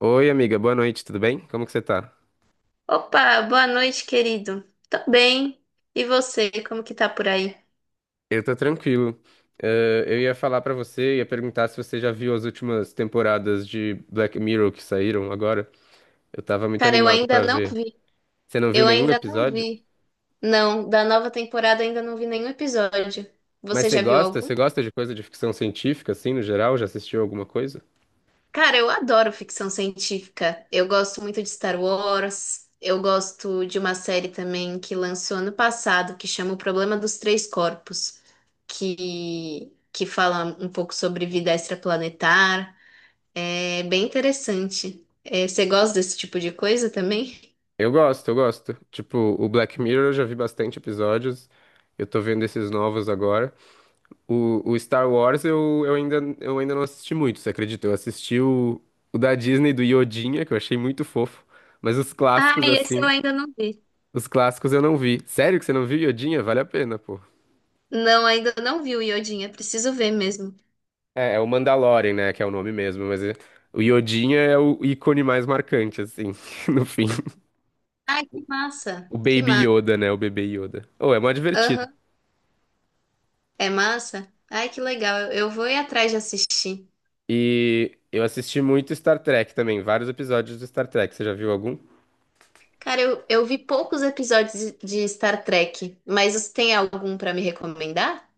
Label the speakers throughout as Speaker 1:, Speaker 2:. Speaker 1: Oi, amiga, boa noite, tudo bem? Como que você tá?
Speaker 2: Opa, boa noite, querido. Tô bem. E você, como que tá por aí?
Speaker 1: Eu tô tranquilo. Eu ia falar pra você, ia perguntar se você já viu as últimas temporadas de Black Mirror que saíram agora. Eu tava muito
Speaker 2: Cara, eu
Speaker 1: animado
Speaker 2: ainda
Speaker 1: pra
Speaker 2: não
Speaker 1: ver.
Speaker 2: vi.
Speaker 1: Você não viu
Speaker 2: Eu
Speaker 1: nenhum
Speaker 2: ainda não
Speaker 1: episódio?
Speaker 2: vi. Não, da nova temporada ainda não vi nenhum episódio.
Speaker 1: Mas
Speaker 2: Você
Speaker 1: você
Speaker 2: já viu
Speaker 1: gosta?
Speaker 2: algum?
Speaker 1: Você gosta de coisa de ficção científica, assim, no geral? Já assistiu alguma coisa?
Speaker 2: Cara, eu adoro ficção científica. Eu gosto muito de Star Wars. Eu gosto de uma série também que lançou ano passado, que chama O Problema dos Três Corpos, que fala um pouco sobre vida extraplanetar. É bem interessante. É, você gosta desse tipo de coisa também?
Speaker 1: Eu gosto, eu gosto. Tipo, o Black Mirror eu já vi bastante episódios. Eu tô vendo esses novos agora. O Star Wars eu ainda não assisti muito, você acredita? Eu assisti o da Disney do Yodinha, que eu achei muito fofo. Mas os
Speaker 2: Ah,
Speaker 1: clássicos,
Speaker 2: esse eu
Speaker 1: assim,
Speaker 2: ainda não vi.
Speaker 1: os clássicos eu não vi. Sério que você não viu Yodinha? Vale a pena, pô.
Speaker 2: Não, ainda não vi o Iodinha. Preciso ver mesmo.
Speaker 1: É, é o Mandalorian, né? Que é o nome mesmo, mas o Yodinha é o ícone mais marcante, assim, no fim.
Speaker 2: Ai, que massa.
Speaker 1: O
Speaker 2: Que
Speaker 1: Baby
Speaker 2: massa.
Speaker 1: Yoda, né? O bebê Yoda. Oh, é mó divertido.
Speaker 2: Aham. É massa? Ai, que legal. Eu vou ir atrás de assistir.
Speaker 1: E eu assisti muito Star Trek também, vários episódios do Star Trek. Você já viu algum?
Speaker 2: Cara, eu vi poucos episódios de Star Trek, mas você tem algum pra me recomendar?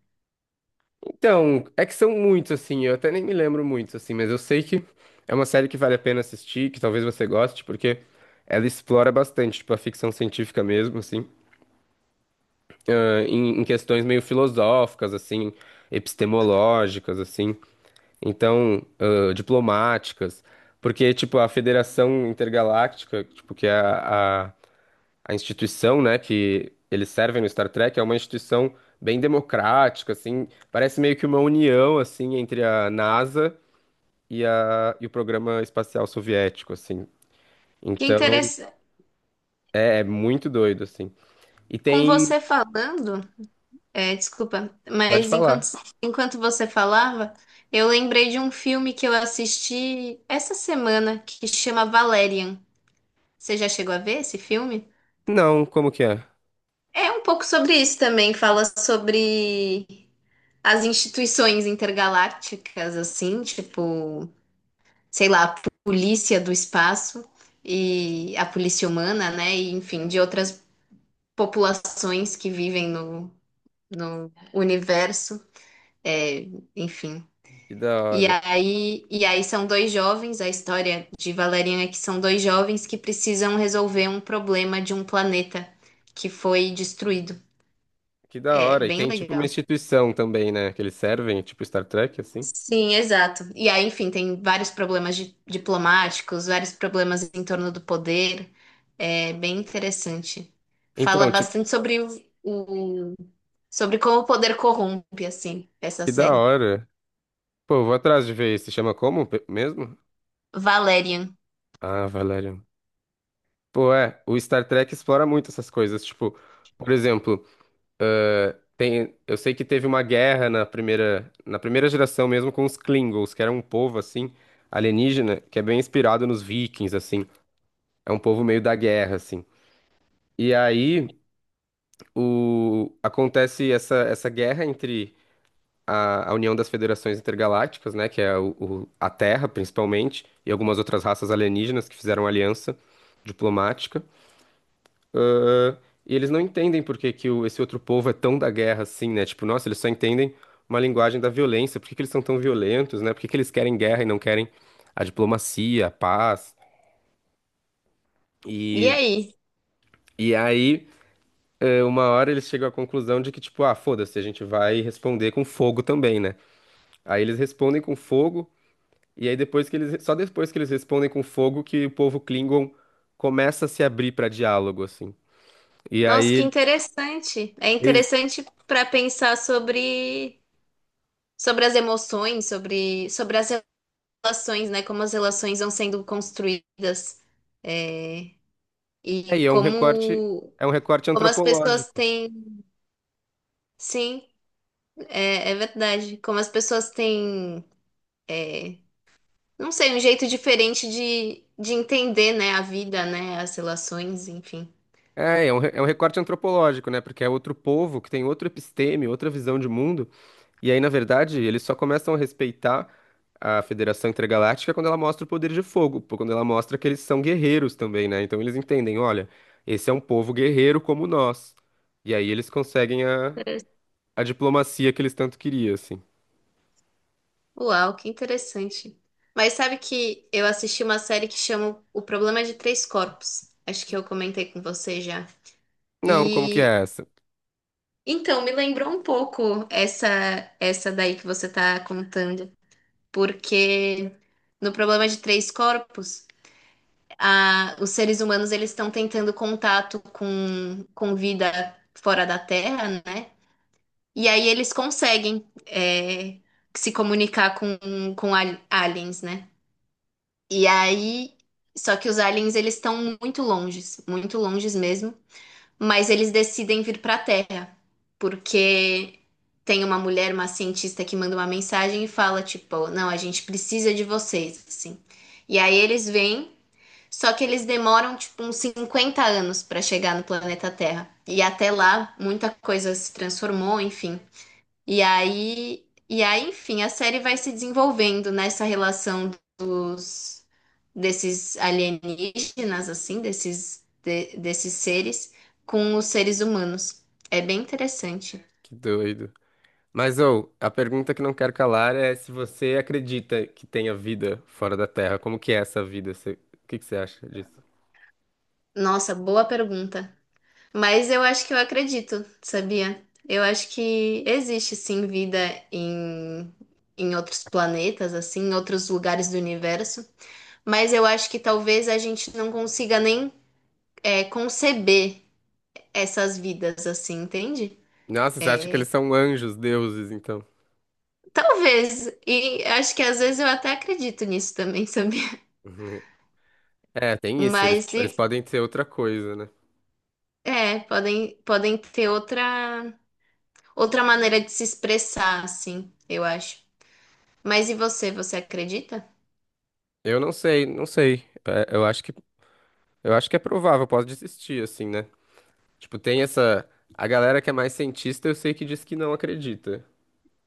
Speaker 1: Então, é que são muitos, assim, eu até nem me lembro muitos assim, mas eu sei que é uma série que vale a pena assistir, que talvez você goste, porque ela explora bastante, tipo, a ficção científica mesmo, assim, em questões meio filosóficas, assim, epistemológicas, assim, então, diplomáticas, porque, tipo, a Federação Intergaláctica, tipo, que é a a instituição, né, que eles servem no Star Trek é uma instituição bem democrática, assim, parece meio que uma união, assim, entre a NASA e o programa espacial soviético, assim.
Speaker 2: Que
Speaker 1: Então,
Speaker 2: interessante.
Speaker 1: é, é muito doido, assim. E
Speaker 2: Com
Speaker 1: tem...
Speaker 2: você falando. É, desculpa,
Speaker 1: Pode
Speaker 2: mas
Speaker 1: falar.
Speaker 2: enquanto você falava, eu lembrei de um filme que eu assisti essa semana que chama Valerian. Você já chegou a ver esse filme?
Speaker 1: Não, como que é?
Speaker 2: É um pouco sobre isso também, fala sobre as instituições intergalácticas, assim, tipo, sei lá, a polícia do espaço e a polícia humana, né? E enfim, de outras populações que vivem no universo. É, enfim.
Speaker 1: Que da
Speaker 2: E
Speaker 1: hora.
Speaker 2: aí, e aí são dois jovens, a história de Valerian é que são dois jovens que precisam resolver um problema de um planeta que foi destruído.
Speaker 1: Que da
Speaker 2: É
Speaker 1: hora. E
Speaker 2: bem
Speaker 1: tem, tipo, uma
Speaker 2: legal.
Speaker 1: instituição também, né, que eles servem, tipo Star Trek, assim.
Speaker 2: Sim, exato. E aí, enfim, tem vários problemas diplomáticos, vários problemas em torno do poder. É bem interessante. Fala
Speaker 1: Então, tipo,
Speaker 2: bastante sobre o- sobre como o poder corrompe, assim, essa
Speaker 1: que da
Speaker 2: série.
Speaker 1: hora. Pô, eu vou atrás de ver. Se chama como mesmo?
Speaker 2: Valerian.
Speaker 1: Ah, Valéria. Pô, é, o Star Trek explora muito essas coisas, tipo, por exemplo, tem, eu sei que teve uma guerra na primeira geração mesmo com os Klingons, que era um povo assim alienígena, que é bem inspirado nos Vikings assim. É um povo meio da guerra assim. E aí o acontece essa guerra entre a União das Federações Intergalácticas, né, que é a Terra principalmente, e algumas outras raças alienígenas que fizeram aliança diplomática. E eles não entendem por que que esse outro povo é tão da guerra assim, né? Tipo, nossa, eles só entendem uma linguagem da violência. Por que que eles são tão violentos, né? Por que que eles querem guerra e não querem a diplomacia, a paz?
Speaker 2: E
Speaker 1: E,
Speaker 2: aí?
Speaker 1: e aí, é, uma hora eles chegam à conclusão de que, tipo, ah, foda-se, a gente vai responder com fogo também, né? Aí eles respondem com fogo, e aí depois que eles, só depois que eles respondem com fogo que o povo Klingon começa a se abrir pra diálogo, assim. E
Speaker 2: Nossa, que
Speaker 1: aí,
Speaker 2: interessante. É
Speaker 1: eles,
Speaker 2: interessante para pensar sobre as emoções, sobre as relações, né? Como as relações vão sendo construídas. É,
Speaker 1: é,
Speaker 2: e
Speaker 1: e
Speaker 2: como,
Speaker 1: é um recorte
Speaker 2: como as pessoas
Speaker 1: antropológico.
Speaker 2: têm. Sim, é, é verdade. Como as pessoas têm. é, não sei, um jeito diferente de entender, né, a vida, né, as relações, enfim.
Speaker 1: É, é um, é um recorte antropológico, né? Porque é outro povo que tem outro episteme, outra visão de mundo. E aí, na verdade, eles só começam a respeitar a Federação Intergaláctica quando ela mostra o poder de fogo, pô, quando ela mostra que eles são guerreiros também, né? Então eles entendem, olha, esse é um povo guerreiro como nós. E aí eles conseguem a diplomacia que eles tanto queriam, assim.
Speaker 2: Uau, que interessante. Mas sabe que eu assisti uma série que chama O Problema de Três Corpos. Acho que eu comentei com você já.
Speaker 1: Não, como que
Speaker 2: E
Speaker 1: é essa?
Speaker 2: então me lembrou um pouco essa daí que você tá contando, porque no Problema de Três Corpos, os seres humanos eles estão tentando contato com vida fora da Terra, né? E aí eles conseguem se comunicar com aliens, né? E aí, só que os aliens eles estão muito longes mesmo, mas eles decidem vir para a Terra, porque tem uma mulher, uma cientista que manda uma mensagem e fala tipo, não, a gente precisa de vocês, assim. E aí eles vêm, só que eles demoram tipo uns 50 anos para chegar no planeta Terra. E até lá muita coisa se transformou, enfim. E aí, enfim, a série vai se desenvolvendo nessa relação dos desses alienígenas, assim, desses desses seres com os seres humanos. É bem interessante.
Speaker 1: Que doido. Mas, ou, a pergunta que não quero calar é se você acredita que tenha vida fora da Terra. Como que é essa vida? Você- O que que você acha disso?
Speaker 2: Nossa, boa pergunta. Mas eu acho que eu acredito, sabia? Eu acho que existe sim vida em em outros planetas, assim, em outros lugares do universo. Mas eu acho que talvez a gente não consiga nem conceber essas vidas, assim, entende?
Speaker 1: Nossa, você acha que
Speaker 2: É,
Speaker 1: eles são anjos, deuses, então?
Speaker 2: talvez, e acho que às vezes eu até acredito nisso também, sabia?
Speaker 1: É, tem isso. Eles,
Speaker 2: Mas
Speaker 1: eles
Speaker 2: se-
Speaker 1: podem ser outra coisa, né?
Speaker 2: É, podem, podem ter outra, outra maneira de se expressar, assim, eu acho. Mas e você, você acredita?
Speaker 1: Eu não sei, não sei. É, eu acho que é provável. Posso desistir, assim, né? Tipo, tem essa... A galera que é mais cientista, eu sei que diz que não acredita.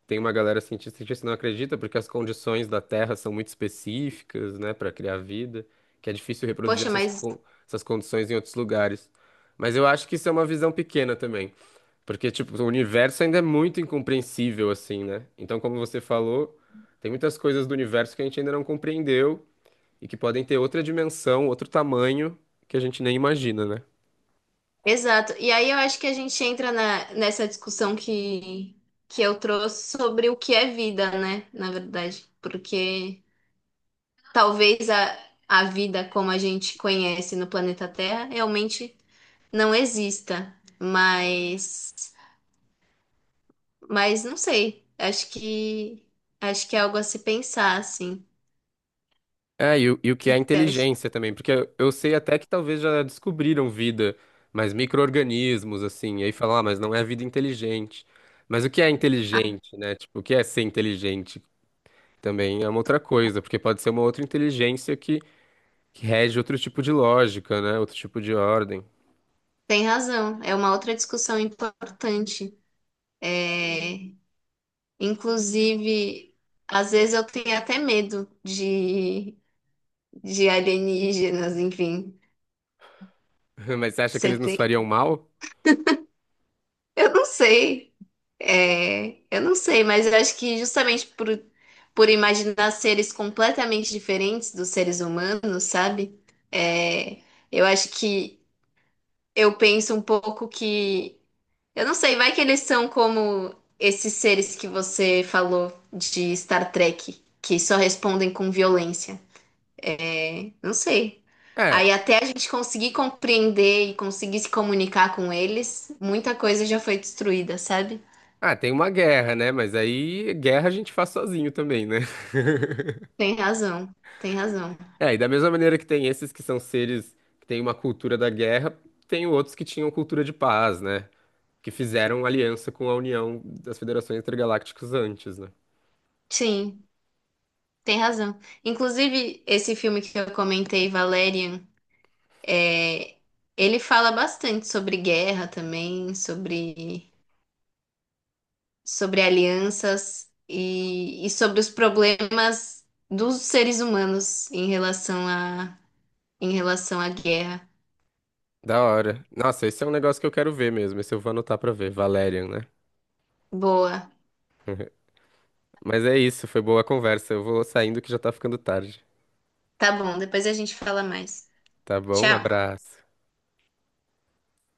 Speaker 1: Tem uma galera cientista que não acredita porque as condições da Terra são muito específicas, né, para criar vida, que é difícil reproduzir
Speaker 2: Poxa,
Speaker 1: essas,
Speaker 2: mas
Speaker 1: essas condições em outros lugares. Mas eu acho que isso é uma visão pequena também, porque tipo, o universo ainda é muito incompreensível assim, né? Então, como você falou, tem muitas coisas do universo que a gente ainda não compreendeu e que podem ter outra dimensão, outro tamanho que a gente nem imagina, né?
Speaker 2: exato. E aí eu acho que a gente entra nessa discussão que eu trouxe sobre o que é vida, né? Na verdade, porque talvez a vida como a gente conhece no planeta Terra realmente não exista, mas não sei. Acho que é algo a se pensar, assim. O
Speaker 1: É, e o que
Speaker 2: que
Speaker 1: é
Speaker 2: que você acha?
Speaker 1: inteligência também, porque eu sei até que talvez já descobriram vida, mas micro-organismos, assim, e aí falam, ah, mas não é vida inteligente. Mas o que é
Speaker 2: Ah,
Speaker 1: inteligente, né? Tipo, o que é ser inteligente também é uma outra coisa, porque pode ser uma outra inteligência que rege outro tipo de lógica, né? Outro tipo de ordem.
Speaker 2: tem razão. É uma outra discussão importante. É, inclusive, às vezes eu tenho até medo de alienígenas, enfim.
Speaker 1: Mas você acha que eles
Speaker 2: Você
Speaker 1: nos
Speaker 2: tem?
Speaker 1: fariam mal?
Speaker 2: Eu não sei. É, eu não sei, mas eu acho que justamente por imaginar seres completamente diferentes dos seres humanos, sabe? É, eu acho que eu penso um pouco eu não sei, vai que eles são como esses seres que você falou de Star Trek, que só respondem com violência. Não sei.
Speaker 1: É.
Speaker 2: Aí até a gente conseguir compreender e conseguir se comunicar com eles, muita coisa já foi destruída, sabe?
Speaker 1: Ah, tem uma guerra, né? Mas aí guerra a gente faz sozinho também, né?
Speaker 2: Tem razão, tem razão.
Speaker 1: É, e da mesma maneira que tem esses que são seres que têm uma cultura da guerra, tem outros que tinham cultura de paz, né? Que fizeram aliança com a União das Federações Intergalácticas antes, né?
Speaker 2: Sim, tem razão. Inclusive, esse filme que eu comentei, Valerian, é, ele fala bastante sobre guerra também, sobre, sobre alianças e sobre os problemas dos seres humanos em relação em relação à guerra.
Speaker 1: Da hora. Nossa, esse é um negócio que eu quero ver mesmo. Esse eu vou anotar pra ver. Valerian, né?
Speaker 2: Boa.
Speaker 1: Mas é isso, foi boa a conversa. Eu vou saindo que já tá ficando tarde.
Speaker 2: Tá bom, depois a gente fala mais.
Speaker 1: Tá bom?
Speaker 2: Tchau.
Speaker 1: Abraço.